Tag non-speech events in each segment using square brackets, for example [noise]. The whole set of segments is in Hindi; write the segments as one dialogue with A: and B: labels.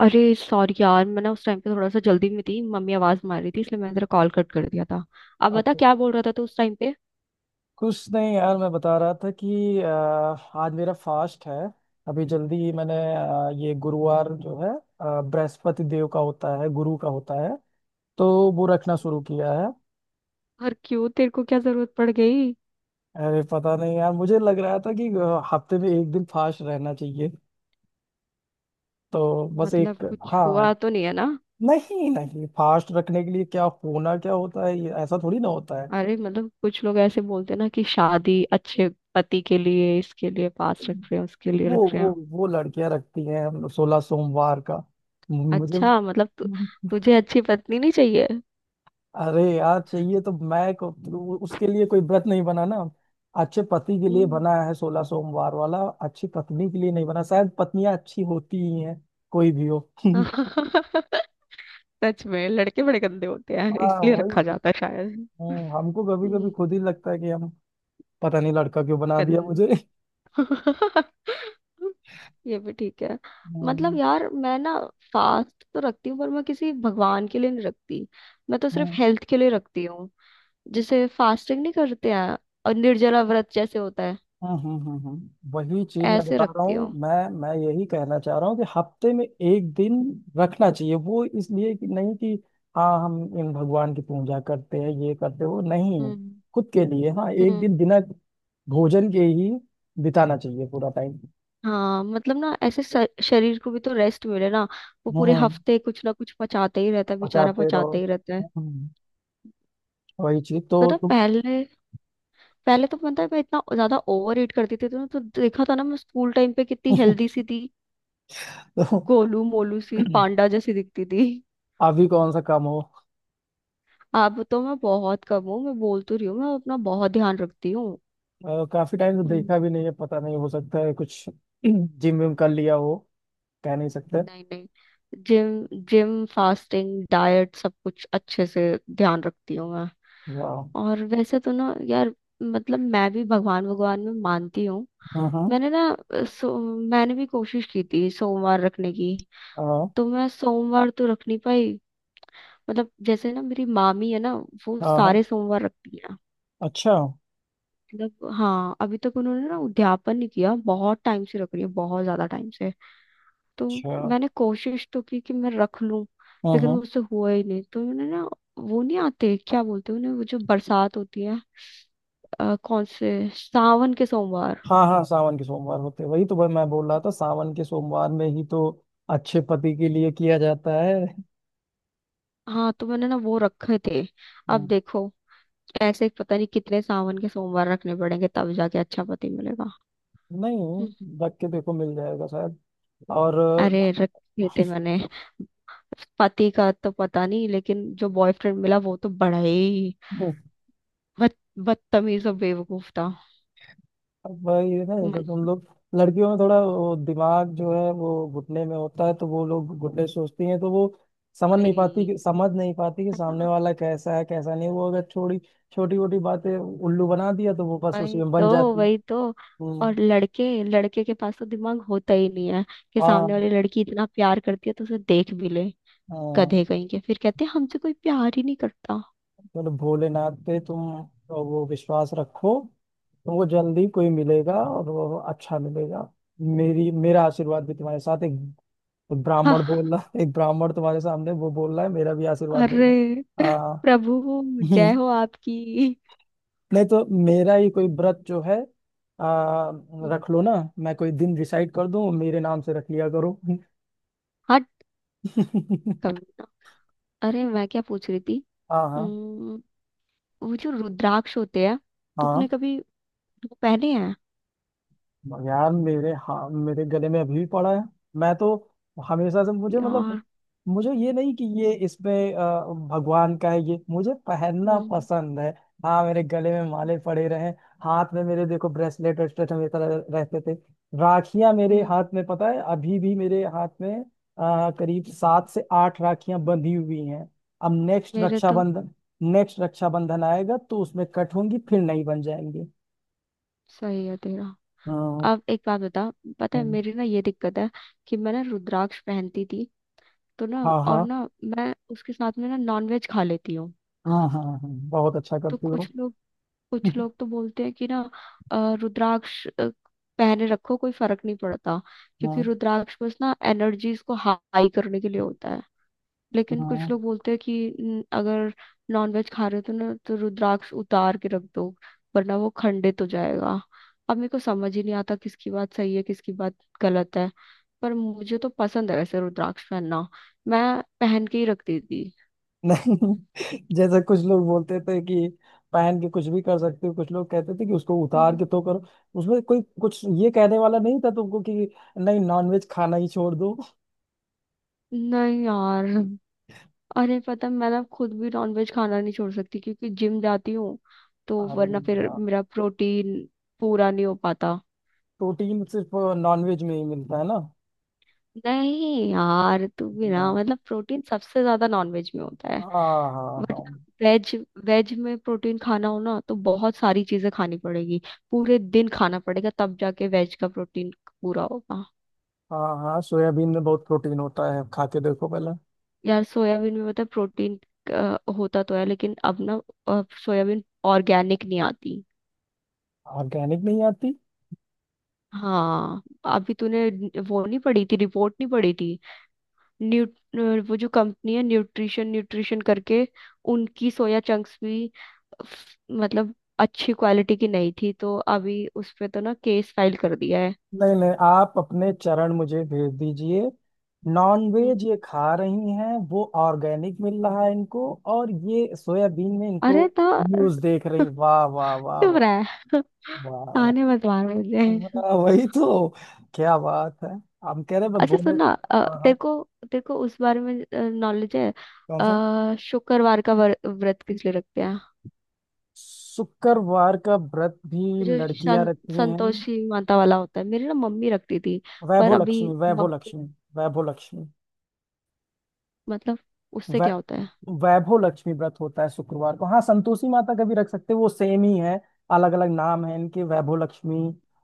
A: अरे सॉरी यार, मैं ना उस टाइम पे थोड़ा सा जल्दी में थी। मम्मी आवाज मार रही थी, इसलिए मैंने तेरा कॉल कट कर दिया था। अब बता,
B: अच्छा।
A: क्या बोल रहा था तू उस टाइम पे?
B: कुछ नहीं यार, मैं बता रहा था कि आज मेरा फास्ट है। अभी जल्दी ही मैंने ये गुरुवार जो है, बृहस्पति देव का होता है, गुरु का होता है, तो वो रखना शुरू किया है।
A: और क्यों, तेरे को क्या जरूरत पड़ गई?
B: अरे पता नहीं यार, मुझे लग रहा था कि हफ्ते में एक दिन फास्ट रहना चाहिए, तो बस
A: मतलब
B: एक।
A: कुछ हुआ
B: हाँ।
A: तो नहीं है ना?
B: नहीं नहीं, फास्ट रखने के लिए क्या होना, क्या होता है, ये ऐसा थोड़ी ना होता है।
A: अरे मतलब कुछ लोग ऐसे बोलते हैं ना कि शादी, अच्छे पति के लिए इसके लिए पास रख रहे हैं, उसके लिए
B: वो
A: रख रहे
B: वो
A: हैं।
B: वो लड़कियां रखती हैं सोलह सोमवार का। मुझे।
A: अच्छा, मतलब तुझे अच्छी पत्नी नहीं चाहिए?
B: अरे यार चाहिए तो उसके लिए कोई व्रत नहीं बना ना। अच्छे पति के लिए
A: हम्म।
B: बना है सोलह सोमवार वाला। अच्छी पत्नी के लिए नहीं बना, शायद पत्नियां अच्छी होती ही हैं, कोई भी हो। [laughs]
A: [laughs] सच में लड़के बड़े गंदे होते हैं,
B: हाँ,
A: इसलिए रखा
B: वही।
A: जाता है शायद।
B: हमको कभी कभी
A: हम्म,
B: खुद ही लगता है कि हम। पता नहीं लड़का क्यों बना दिया
A: गंद
B: मुझे। [laughs]
A: [laughs] ये भी ठीक है। मतलब
B: हम्म,
A: यार, मैं ना फास्ट तो रखती हूँ, पर मैं किसी भगवान के लिए नहीं रखती। मैं तो सिर्फ
B: हम्म।
A: हेल्थ के लिए रखती हूँ। जिसे फास्टिंग नहीं करते हैं, और निर्जला व्रत जैसे होता है,
B: वही चीज मैं
A: ऐसे
B: बता रहा
A: रखती
B: हूँ,
A: हूँ।
B: मैं यही कहना चाह रहा हूँ कि हफ्ते में एक दिन रखना चाहिए। वो इसलिए कि नहीं कि हाँ हम इन भगवान की पूजा करते हैं, ये करते हो नहीं।
A: हम्म
B: खुद के लिए, हाँ, एक
A: हम्म।
B: दिन बिना भोजन के ही बिताना चाहिए पूरा टाइम।
A: हाँ मतलब ना, ऐसे शरीर को भी तो रेस्ट मिले ना। वो पूरे
B: हम्म।
A: हफ्ते कुछ ना कुछ पचाते ही रहता है बेचारा,
B: बचाते रहो।
A: पचाते ही रहता है।
B: हम्म, वही चीज तो
A: तो ना
B: तुम।
A: पहले पहले तो मतलब मैं इतना ज्यादा ओवर ईट करती थी तो, तो देखा था ना, मैं स्कूल टाइम पे कितनी हेल्दी सी
B: [laughs]
A: थी।
B: तो
A: गोलू मोलू सी पांडा जैसी दिखती थी।
B: अभी कौन सा काम हो।
A: अब तो मैं बहुत कम हूँ, मैं बोल तो रही हूँ, मैं अपना बहुत ध्यान रखती हूँ।
B: काफी टाइम से
A: हम्म,
B: देखा भी नहीं है, पता नहीं, हो सकता है कुछ [clears throat] जिम विम कर लिया हो, कह नहीं सकते।
A: नहीं नहीं, जिम जिम फास्टिंग डाइट सब कुछ अच्छे से ध्यान रखती हूँ मैं।
B: वाह।
A: और वैसे तो ना यार, मतलब मैं भी भगवान भगवान में मानती हूँ।
B: हाँ हाँ
A: मैंने ना, सो मैंने भी कोशिश की थी सोमवार रखने की।
B: हाँ
A: तो मैं सोमवार तो रख नहीं पाई। मतलब जैसे ना, मेरी मामी है ना, वो
B: हाँ हाँ।
A: सारे सोमवार रखती है।
B: अच्छा।
A: मतलब हाँ, अभी तक उन्होंने ना उद्यापन नहीं किया, बहुत टाइम से रख रही है, बहुत ज्यादा टाइम से। तो
B: अच्छा।
A: मैंने कोशिश तो की कि मैं रख लूं,
B: हाँ
A: लेकिन
B: हाँ
A: मुझसे हुआ ही नहीं। तो उन्होंने ना, वो नहीं आते, क्या बोलते हैं उन्हें, वो जो बरसात होती है, कौन से, सावन के सोमवार।
B: हाँ हाँ, सावन के सोमवार होते हैं। वही तो भाई, मैं बोल रहा था सावन के सोमवार में ही तो अच्छे पति के लिए किया जाता है।
A: हाँ तो मैंने ना वो रखे थे। अब
B: हम्म,
A: देखो, ऐसे ही पता नहीं कितने सावन के सोमवार रखने पड़ेंगे तब जाके अच्छा पति मिलेगा। हम्म,
B: नहीं, रख के देखो मिल जाएगा शायद। और
A: अरे रखे थे मैंने। पति का तो पता नहीं, लेकिन जो बॉयफ्रेंड मिला वो तो बड़ा ही बद बदतमीज और बेवकूफ था।
B: अब वही है ना तो
A: मन।
B: तुम लोग। लड़कियों में थोड़ा वो दिमाग जो है वो घुटने में होता है, तो वो लोग घुटने सोचती हैं, तो वो समझ नहीं पाती
A: भाई
B: कि समझ नहीं पाती कि
A: है
B: सामने
A: ना,
B: वाला कैसा है, कैसा नहीं, वो अगर छोटी छोटी मोटी बातें उल्लू बना दिया तो वो बस उसी
A: वही
B: में
A: तो,
B: बन जाती।
A: वही तो।
B: हम्म।
A: और लड़के लड़के के पास तो दिमाग होता ही नहीं है कि सामने
B: हाँ
A: वाली लड़की इतना प्यार करती है तो उसे देख भी ले।
B: हाँ।
A: गधे कहीं के, फिर कहते हैं हमसे कोई प्यार ही नहीं करता। [laughs]
B: बोले भोलेनाथ पे तुम वो विश्वास रखो। तुमको जल्दी कोई मिलेगा और वो अच्छा मिलेगा। मेरी मेरा आशीर्वाद भी तुम्हारे साथ है।
A: हाँ,
B: एक ब्राह्मण तुम्हारे सामने वो बोल रहा है, मेरा भी आशीर्वाद ले
A: अरे
B: लो। आ,
A: प्रभु, जय
B: हम्म,
A: हो आपकी।
B: नहीं तो मेरा ही कोई व्रत जो है, रख लो ना। मैं कोई दिन डिसाइड कर दूं, मेरे नाम से रख लिया करो।
A: हट,
B: [laughs]
A: कमीना। अरे मैं क्या पूछ रही थी?
B: हाँ हाँ
A: उम्म, वो जो रुद्राक्ष होते हैं,
B: हाँ।
A: तूने कभी वो पहने हैं?
B: यार मेरे, हाँ, मेरे गले में अभी भी पड़ा है। मैं तो हमेशा से, मुझे मतलब,
A: यार।
B: मुझे ये नहीं कि ये इसमें भगवान का है, ये मुझे पहनना
A: हम्म,
B: पसंद है। हाँ, मेरे गले में माले पड़े रहे। हाथ में मेरे देखो, ब्रेसलेट वेस्टलेट हमेशा रहते थे। राखियां मेरे
A: हम्म,
B: हाथ में, पता है, अभी भी मेरे हाथ में करीब 7 से 8 राखियां बंधी हुई हैं। अब
A: मेरे तो।
B: नेक्स्ट रक्षाबंधन आएगा तो उसमें कट होंगी, फिर नहीं बन जाएंगी।
A: सही है तेरा।
B: अ,
A: अब एक बात बता, पता है मेरी ना ये दिक्कत है कि मैं ना रुद्राक्ष पहनती थी तो ना,
B: हाँ
A: और
B: हाँ
A: ना मैं उसके साथ में ना नॉनवेज खा लेती हूँ।
B: हाँ हाँ हाँ। बहुत अच्छा
A: तो
B: करती हो।
A: कुछ लोग,
B: [laughs]
A: तो बोलते हैं कि ना, रुद्राक्ष पहने रखो कोई फर्क नहीं पड़ता, क्योंकि
B: हाँ
A: रुद्राक्ष बस ना एनर्जीज को हाई करने के लिए होता है। लेकिन कुछ
B: हाँ।
A: लोग बोलते हैं कि अगर नॉनवेज खा रहे हो तो ना, तो रुद्राक्ष उतार के रख दो, वरना वो खंडित हो जाएगा।" अब मेरे को समझ ही नहीं आता किसकी बात सही है, किसकी बात गलत है। पर मुझे तो पसंद है वैसे रुद्राक्ष पहनना, मैं पहन के ही रख देती।
B: नहीं, [laughs] जैसे कुछ लोग बोलते थे कि पहन के कुछ भी कर सकते हो, कुछ लोग कहते थे कि उसको उतार
A: हम्म,
B: के तो करो। उसमें कोई कुछ ये कहने वाला नहीं था तुमको कि नहीं, नॉनवेज खाना ही छोड़ दो।
A: नहीं यार। अरे पता है, मैं ना खुद भी नॉनवेज खाना नहीं छोड़ सकती क्योंकि जिम जाती हूँ, तो
B: अरे
A: वरना फिर
B: वाह।
A: मेरा प्रोटीन पूरा नहीं हो पाता।
B: प्रोटीन सिर्फ नॉनवेज में ही मिलता है ना?
A: नहीं यार, तू भी ना,
B: हाँ
A: मतलब प्रोटीन सबसे ज्यादा नॉनवेज में होता है,
B: हाँ हाँ हाँ
A: बट वेज, वेज में प्रोटीन खाना हो ना तो बहुत सारी चीजें खानी पड़ेगी। पूरे दिन खाना पड़ेगा तब जाके वेज का प्रोटीन पूरा होगा।
B: हाँ। हाँ, सोयाबीन में बहुत प्रोटीन होता है, खा के देखो पहले।
A: यार सोयाबीन में, पता है, प्रोटीन होता तो है, लेकिन अब ना, सोयाबीन ऑर्गेनिक नहीं आती।
B: ऑर्गेनिक नहीं आती।
A: हाँ, अभी तूने वो नहीं पढ़ी थी रिपोर्ट, नहीं पढ़ी थी? न्यू, वो जो कंपनी है, न्यूट्रिशन न्यूट्रिशन करके, उनकी सोया चंक्स भी, मतलब अच्छी क्वालिटी की नहीं थी, तो अभी उस पे तो ना केस फाइल कर दिया है।
B: नहीं नहीं, आप अपने चरण मुझे भेज दीजिए।
A: हम्म।
B: नॉनवेज ये खा रही हैं, वो ऑर्गेनिक मिल रहा है इनको। और ये सोयाबीन में इनको
A: अरे तो, [laughs]
B: न्यूज़ देख रही। वाह वाह वाह
A: चुप
B: वाह।
A: रहा है। [laughs]
B: वाह
A: ताने
B: वाह
A: मत मार मुझे।
B: वाह, वही तो। क्या बात है, हम कह रहे हैं,
A: अच्छा
B: बोले।
A: सुनना,
B: हाँ
A: तेरे
B: हाँ।
A: को, तेरे को उस बारे में नॉलेज है?
B: कौन सा?
A: शुक्रवार का व्रत किस लिए रखते हैं?
B: शुक्रवार का व्रत भी
A: जो
B: लड़कियां रखती हैं।
A: संतोषी माता वाला होता है, मेरी ना मम्मी रखती थी। पर
B: वैभव
A: अभी
B: लक्ष्मी, वैभव
A: मम्मी,
B: लक्ष्मी, वैभव लक्ष्मी।
A: मतलब उससे
B: वै,
A: क्या होता है?
B: वैभव लक्ष्मी व्रत होता है शुक्रवार को। हाँ, संतोषी माता का भी रख सकते हैं, वो सेम ही है। अलग अलग नाम है इनके, वैभव लक्ष्मी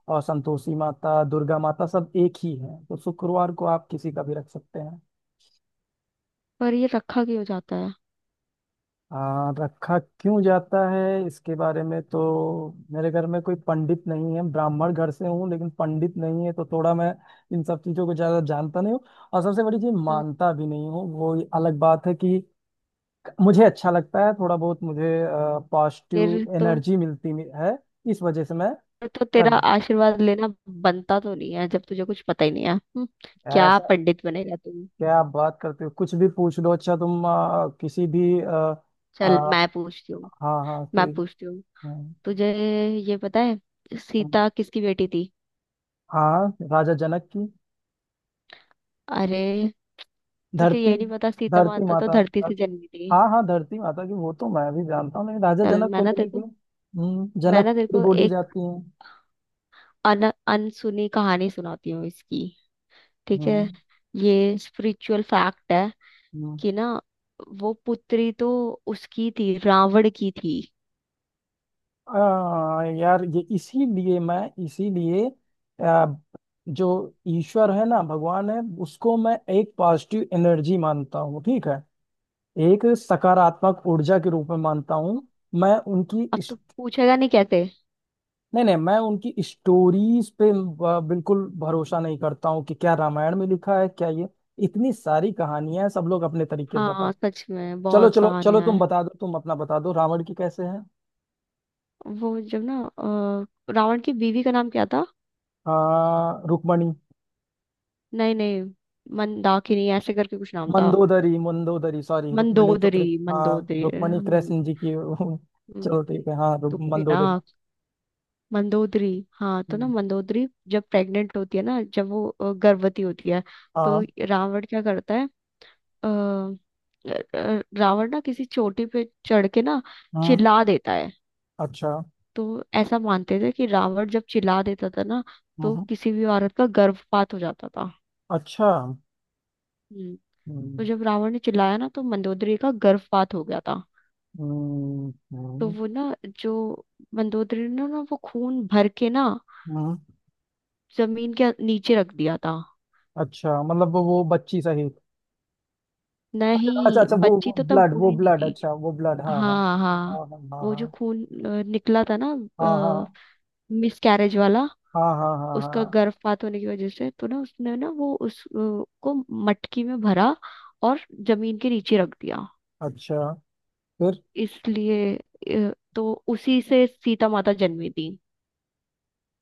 B: और संतोषी माता, दुर्गा माता, सब एक ही है, तो शुक्रवार को आप किसी का भी रख सकते हैं।
A: पर ये रखा क्यों जाता है?
B: रखा क्यों जाता है इसके बारे में तो, मेरे घर में कोई पंडित नहीं है, ब्राह्मण घर से हूँ लेकिन पंडित नहीं है, तो थोड़ा मैं इन सब चीजों को ज्यादा जानता नहीं हूँ। और सबसे बड़ी चीज,
A: हम्म।
B: मानता भी नहीं हूँ, वो अलग बात है कि मुझे अच्छा लगता है। थोड़ा बहुत मुझे
A: फिर
B: पॉजिटिव
A: तो
B: एनर्जी मिलती है, इस वजह से मैं
A: तो
B: कर।
A: तेरा आशीर्वाद लेना बनता तो नहीं है जब तुझे कुछ पता ही नहीं है। क्या
B: ऐसा
A: पंडित बनेगा तू।
B: क्या आप बात करते हो, कुछ भी पूछ लो। अच्छा तुम किसी भी
A: चल
B: हाँ
A: मैं पूछती हूँ,
B: हाँ,
A: मैं
B: कोई।
A: पूछती हूँ
B: हाँ
A: तुझे ये पता है, सीता किसकी बेटी थी?
B: हाँ, राजा जनक की।
A: अरे, तुझे
B: धरती,
A: ये नहीं पता सीता
B: धरती
A: माता तो
B: माता।
A: धरती से जन्मी थी।
B: हाँ हाँ, धरती माता की वो तो मैं भी जानता हूँ, लेकिन राजा
A: चल,
B: जनक को लेके
A: मैं
B: जनक
A: ना तेरे
B: पुत्री
A: को
B: बोली
A: एक
B: जाती है।
A: अन अनसुनी कहानी सुनाती हूँ इसकी, ठीक है?
B: हम्म
A: ये स्पिरिचुअल फैक्ट है
B: हम्म।
A: कि ना वो पुत्री तो उसकी थी, रावण की थी।
B: यार ये इसीलिए, आ, जो ईश्वर है ना, भगवान है, उसको मैं एक पॉजिटिव एनर्जी मानता हूँ, ठीक है। एक सकारात्मक ऊर्जा के रूप में मानता हूँ। मैं उनकी
A: अब तो पूछेगा नहीं कैसे?
B: नहीं नहीं, मैं उनकी स्टोरीज पे बिल्कुल भरोसा नहीं करता हूँ कि क्या रामायण में लिखा है क्या, ये इतनी सारी कहानियां हैं, सब लोग अपने तरीके से
A: हाँ
B: बताते।
A: सच में
B: चलो
A: बहुत
B: चलो चलो,
A: कहानियां
B: तुम
A: हैं।
B: बता दो, तुम अपना बता दो, रावण की कैसे है।
A: वो जब ना, रावण की बीवी का नाम क्या था?
B: रुक्मणी।
A: नहीं नहीं, मंदाकिनी ऐसे करके कुछ नाम था।
B: मंदोदरी, मंदोदरी, सॉरी, रुक्मणी तो
A: मंदोदरी,
B: हाँ।
A: मंदोदरी,
B: रुक्मणी कृष्ण जी की
A: हम्म,
B: चलो ठीक है, हाँ,
A: तुम भी ना,
B: मंदोदरी।
A: मंदोदरी। हाँ तो ना,
B: हम्म,
A: मंदोदरी जब प्रेग्नेंट होती है ना, जब वो गर्भवती होती है, तो
B: हाँ
A: रावण क्या करता है? अ, रावण ना किसी चोटी पे चढ़ के ना,
B: हाँ।
A: चिल्ला देता है।
B: अच्छा।
A: तो ऐसा मानते थे कि रावण जब चिल्ला देता था ना, तो
B: हम्म,
A: किसी भी औरत का गर्भपात हो जाता था।
B: अच्छा।
A: हम्म।
B: हम्म,
A: तो जब रावण ने चिल्लाया ना, तो मंदोदरी का गर्भपात हो गया था।
B: हम्म,
A: तो
B: हम्म,
A: वो ना, जो मंदोदरी ने ना, वो खून भर के ना
B: हम्म,
A: जमीन के नीचे रख दिया था।
B: अच्छा मतलब वो बच्ची सहित। अच्छा अच्छा
A: नहीं,
B: अच्छा,
A: बच्ची
B: वो
A: तो तब
B: ब्लड, वो
A: हुई नहीं
B: ब्लड,
A: थी।
B: अच्छा, वो ब्लड, हाँ
A: हाँ हाँ,
B: हाँ हाँ
A: वो जो
B: हाँ
A: खून निकला था ना,
B: हाँ हाँ हाँ हाँ
A: मिसकैरेज वाला,
B: हाँ हाँ हाँ
A: उसका
B: हाँ,
A: गर्भपात होने की वजह से तो ना, उसने ना वो उस को मटकी में भरा और जमीन के नीचे रख दिया।
B: अच्छा,
A: इसलिए तो उसी से सीता माता जन्मी थी।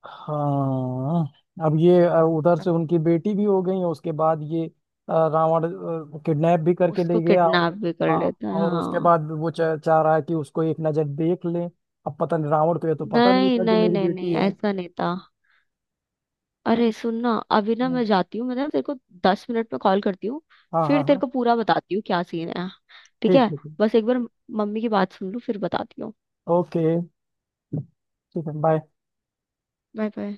B: हाँ। अब ये उधर से उनकी बेटी भी हो गई, उसके बाद ये रावण किडनैप भी करके
A: उसको
B: ले गया।
A: किडनैप भी कर
B: हाँ,
A: लेते हैं,
B: और उसके
A: हाँ।
B: बाद वो चाह रहा है कि उसको एक नजर देख ले। अब पता नहीं, रावण को ये तो पता नहीं
A: नहीं
B: था कि
A: नहीं
B: मेरी
A: नहीं
B: बेटी
A: नहीं,
B: है।
A: ऐसा नहीं था। अरे सुन ना, अभी ना
B: हम्म,
A: मैं जाती हूँ, मैं ना तेरे को 10 मिनट में कॉल करती हूँ,
B: हाँ हाँ
A: फिर तेरे
B: हाँ।
A: को पूरा बताती हूँ क्या सीन है, ठीक
B: ठीक
A: है?
B: ठीक।
A: बस एक बार मम्मी की बात सुन लूँ, फिर बताती हूँ।
B: ओके। ठीक है, बाय।
A: Bye bye.